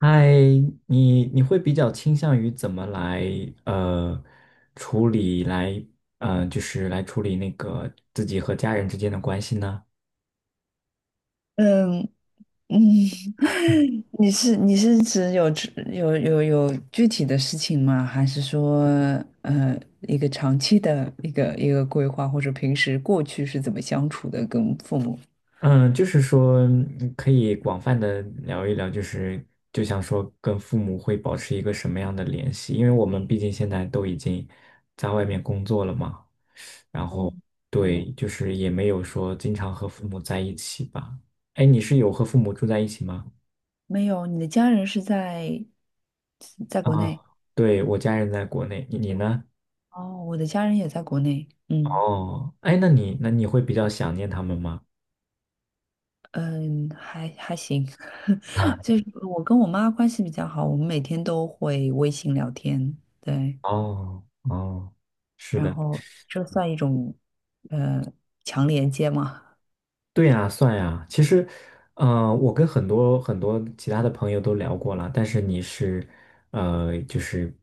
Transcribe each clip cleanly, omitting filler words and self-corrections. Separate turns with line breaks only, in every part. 嗨，你会比较倾向于怎么来呃处理来就是来处理那个自己和家人之间的关系呢？
嗯嗯，你是指有具体的事情吗？还是说一个长期的一个规划，或者平时过去是怎么相处的跟父母？
嗯，就是说可以广泛的聊一聊，就是就像说跟父母会保持一个什么样的联系？因为我们毕竟现在都已经在外面工作了嘛，然
哦，
后
嗯，
对，就是也没有说经常和父母在一起吧。哎，你是有和父母住在一起吗？
没有，你的家人是在在国内。
啊，对，我家人在国内，你呢？
哦，我的家人也在国内。嗯
哦，哎，那你会比较想念他们吗？
嗯，还行，就是我跟我妈关系比较好，我们每天都会微信聊天。对，
哦哦，是
然
的，
后这算一种呃强连接吗？
对呀，算呀。其实，我跟很多其他的朋友都聊过了，但是你是，就是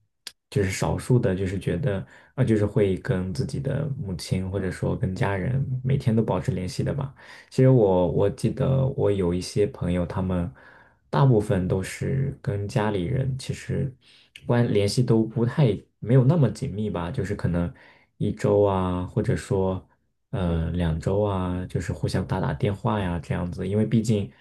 就是少数的，就是觉得啊、就是会跟自己的母亲或者说跟家人每天都保持联系的吧。其实我记得我有一些朋友，他们大部分都是跟家里人其实关联系都不太没有那么紧密吧，就是可能一周啊，或者说两周啊，就是互相打打电话呀这样子，因为毕竟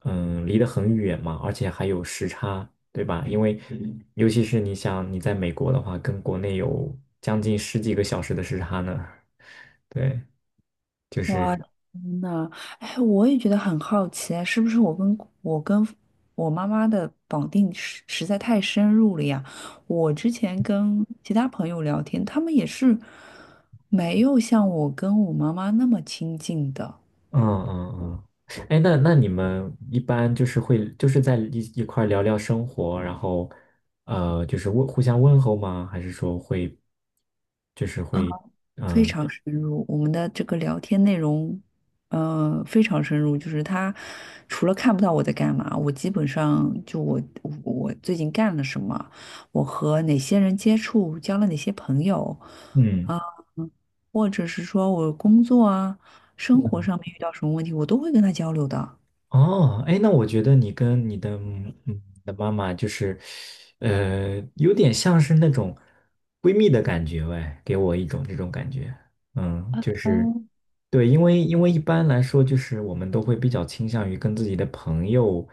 离得很远嘛，而且还有时差，对吧？因为尤其是你想你在美国的话，跟国内有将近十几个小时的时差呢，对。就
哇，
是
天呐，哎，我也觉得很好奇啊，是不是我跟我妈妈的绑定实在太深入了呀？我之前跟其他朋友聊天，他们也是没有像我跟我妈妈那么亲近的。
嗯嗯嗯，哎，那那你们一般就是会就是在一块儿聊聊生活，然后就是问互相问候吗？还是说会就是会
非
嗯
常深入，我们的这个聊天内容，非常深入。就是他除了看不到我在干嘛，我基本上就我最近干了什么，我和哪些人接触，交了哪些朋友
嗯
啊，或者是说我工作啊、生活上面遇到什么问题，我都会跟他交流的。
哦，哎，那我觉得你跟你的你的妈妈就是，有点像是那种闺蜜的感觉，喂，给我一种这种感觉，嗯，就是对，因为因为一般来说就是我们都会比较倾向于跟自己的朋友。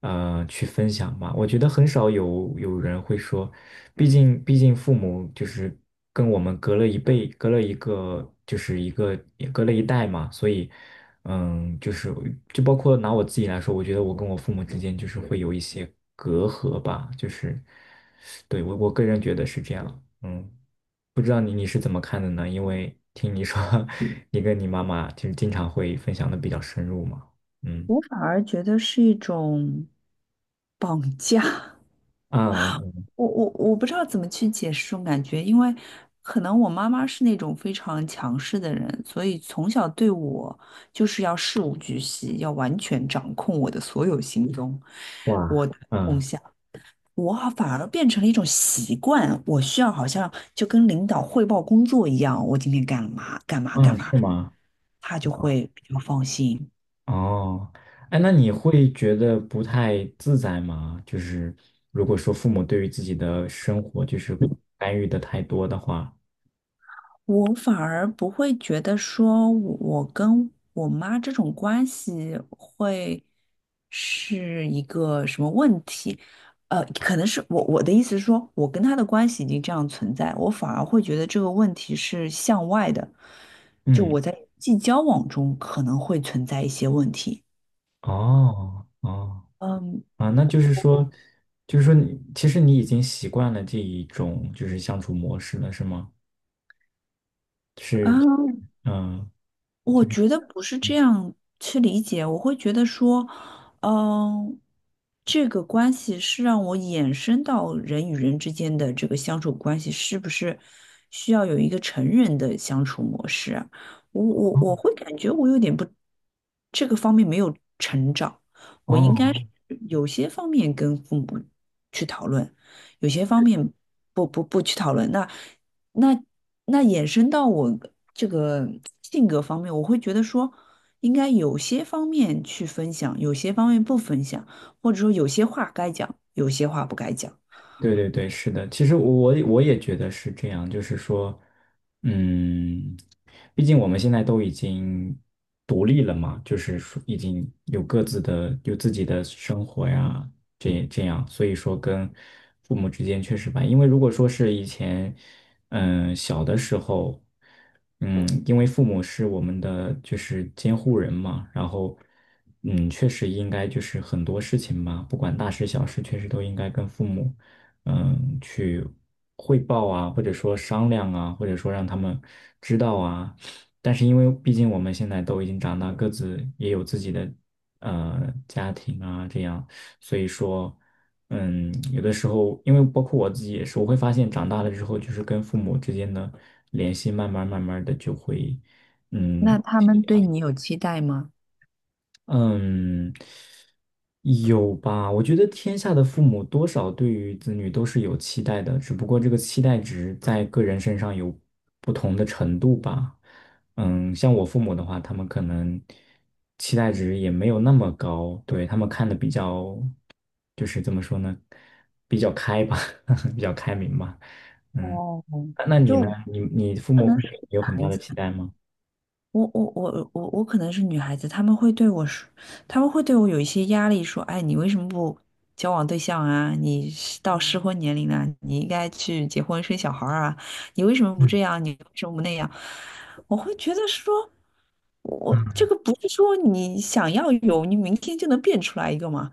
去分享吧。我觉得很少有人会说，毕竟父母就是跟我们隔了一辈，隔了一个就是一个也隔了一代嘛，所以嗯，就是就包括拿我自己来说，我觉得我跟我父母之间就是会有一些隔阂吧，就是对我个人觉得是这样，嗯。不知道你是怎么看的呢？因为听你说，你跟你妈妈就是经常会分享的比较深入嘛。嗯，
我反而觉得是一种绑架，
啊
我不知道怎么去解释这种感觉，因为可能我妈妈是那种非常强势的人，所以从小对我就是要事无巨细，要完全掌控我的所有行踪，我
哇，
的动
嗯
向。我好反而变成了一种习惯，我需要好像就跟领导汇报工作一样，我今天干嘛干嘛干
嗯，
嘛，
是吗？
他就会比较放心。
哦，哎，那你会觉得不太自在吗？就是如果说父母对于自己的生活就是干预的太多的话，
我反而不会觉得说我跟我妈这种关系会是一个什么问题，可能是我的意思是说，我跟她的关系已经这样存在，我反而会觉得这个问题是向外的，就
嗯，
我在人际交往中可能会存在一些问题。
哦哦
嗯
啊，那就是说，就是说你其实你已经习惯了这一种就是相处模式了，是吗？
啊，
是，嗯，
我
就是
觉得不是这样去理解，我会觉得说，嗯，这个关系是让我衍生到人与人之间的这个相处关系，是不是需要有一个成人的相处模式啊？我会感觉我有点不，这个方面没有成长，我应该
哦。
是有些方面跟父母去讨论，有些方面不去讨论。那那衍生到我这个性格方面，我会觉得说，应该有些方面去分享，有些方面不分享，或者说有些话该讲，有些话不该讲。
对对对，是的，其实我也觉得是这样，就是说，嗯，毕竟我们现在都已经独立了嘛，就是说已经有各自的有自己的生活呀，这这样，所以说跟父母之间确实吧，因为如果说是以前，嗯，小的时候，嗯，因为父母是我们的就是监护人嘛，然后。嗯，确实应该就是很多事情吧，不管大事小事，确实都应该跟父母。嗯，去汇报啊，或者说商量啊，或者说让他们知道啊。但是因为毕竟我们现在都已经长大，各自也有自己的家庭啊，这样，所以说，嗯，有的时候，因为包括我自己也是，我会发现长大了之后，就是跟父母之间的联系，慢慢的就会，
那
嗯。
他们对你有期待吗？
嗯，有吧？我觉得天下的父母多少对于子女都是有期待的，只不过这个期待值在个人身上有不同的程度吧。嗯，像我父母的话，他们可能期待值也没有那么高，对，他们看的比较，就是怎么说呢，比较开吧，比较开明吧。嗯，
哦，
那那你
就
呢？你你父母会对你有很
孩
大的
子。
期待吗？
我可能是女孩子，他们会对我说，他们会对我有一些压力，说，哎，你为什么不交往对象啊？你是到适婚年龄了，你应该去结婚生小孩儿啊，你为什么不
嗯。
这样？你为什么不那样？我会觉得说，我这个不是说你想要有，你明天就能变出来一个嘛？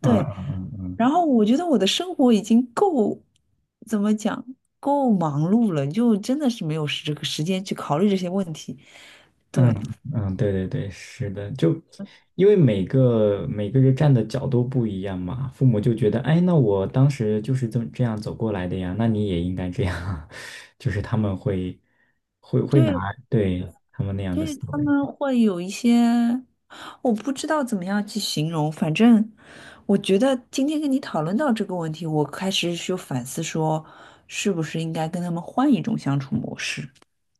嗯
对，
嗯嗯嗯。
然后我觉得我的生活已经够，怎么讲，够忙碌了，就真的是没有时这个时间去考虑这些问题，
嗯
对
嗯，对对对，是的，就因为每个人站的角度不一样嘛，父母就觉得，哎，那我当时就是这么这样走过来的呀，那你也应该这样，就是他们会会拿
对。
对他们那样
所
的
以
思
他们
维。
会有一些，我不知道怎么样去形容，反正我觉得今天跟你讨论到这个问题，我开始就反思说，是不是应该跟他们换一种相处模式？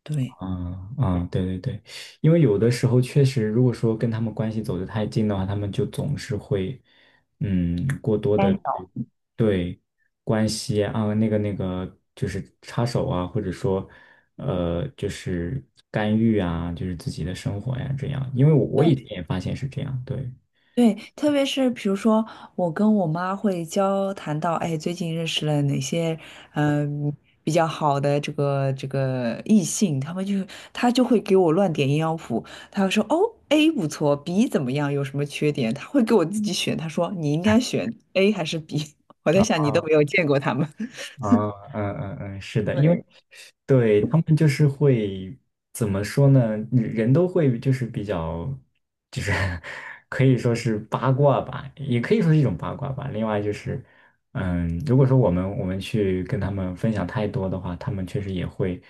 对，
嗯嗯，对对对，因为有的时候确实，如果说跟他们关系走得太近的话，他们就总是会，嗯，过多
干
的
扰。
对关系啊，那个，就是插手啊，或者说，就是干预啊，就是自己的生活呀，这样。因为我以前也发现是这样，对，
对，特别是比如说，我跟我妈会交谈到，哎，最近认识了哪些嗯、比较好的这个这个异性，他就会给我乱点鸳鸯谱，他会说哦，A 不错，B 怎么样，有什么缺点，他会给我自己选，他说你应该选 A 还是 B,我在想你都没有见过他们。
啊，嗯嗯嗯，是的，因为
对，
对他们就是会怎么说呢？人都会就是比较，就是 可以说是八卦吧，也可以说是一种八卦吧。另外就是，嗯，如果说我们去跟他们分享太多的话，他们确实也会，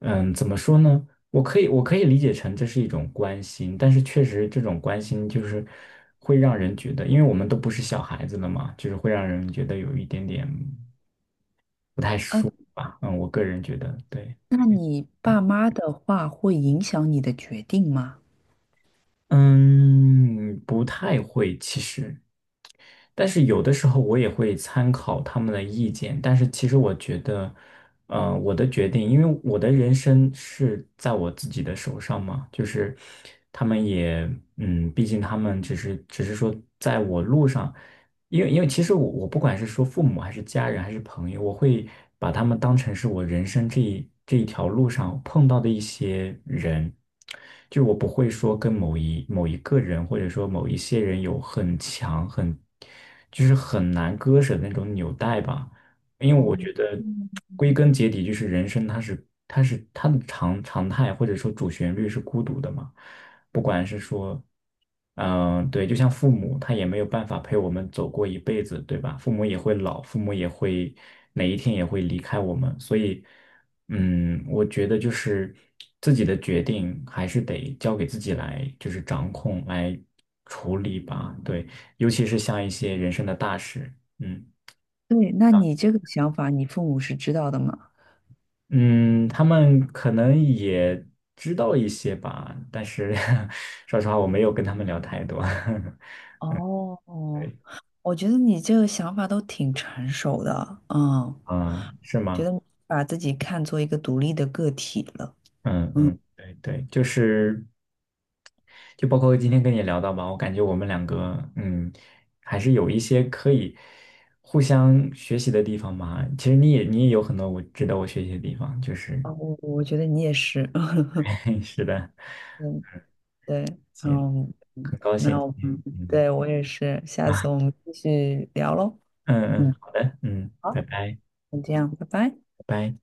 嗯，怎么说呢？我可以理解成这是一种关心，但是确实这种关心就是会让人觉得，因为我们都不是小孩子了嘛，就是会让人觉得有一点点。不太
嗯，
熟吧。嗯，我个人觉得对，
那你爸妈的话会影响你的决定吗？
嗯，不太会其实，但是有的时候我也会参考他们的意见，但是其实我觉得，我的决定，因为我的人生是在我自己的手上嘛，就是他们也，嗯，毕竟他们只是说在我路上。因为因为其实我我不管是说父母还是家人还是朋友，我会把他们当成是我人生这一条路上碰到的一些人，就我不会说跟某一个人或者说某一些人有很强很就是很难割舍的那种纽带吧，因为我觉得归根结底就是人生它是它的常态或者说主旋律是孤独的嘛。不管是说，嗯，对，就像父母，他也没有办法陪我们走过一辈子，对吧？父母也会老，父母也会哪一天也会离开我们，所以，嗯，我觉得就是自己的决定还是得交给自己来，就是掌控来处理吧，对，尤其是像一些人生的大事，嗯。
对，那你这个想法，你父母是知道的吗？
嗯，他们可能也知道一些吧，但是 说实话，我没有跟他们聊太多。
哦，
对
我觉得你这个想法都挺成熟的，嗯，
啊，是
觉
吗？
得你把自己看作一个独立的个体了，
嗯
嗯，
嗯，对对，就是就包括今天跟你聊到吧，我感觉我们两个嗯，还是有一些可以互相学习的地方嘛。其实你也有很多我值得我学习的地方，就是
哦，我我觉得你也是，
是的，
嗯，对，
行，
嗯，
很高兴
那我
今天
们
嗯
对我也是，下次
啊
我们继续聊喽，
嗯嗯，
嗯，
好的，嗯，拜
好，
拜
就这样，拜拜。
拜拜。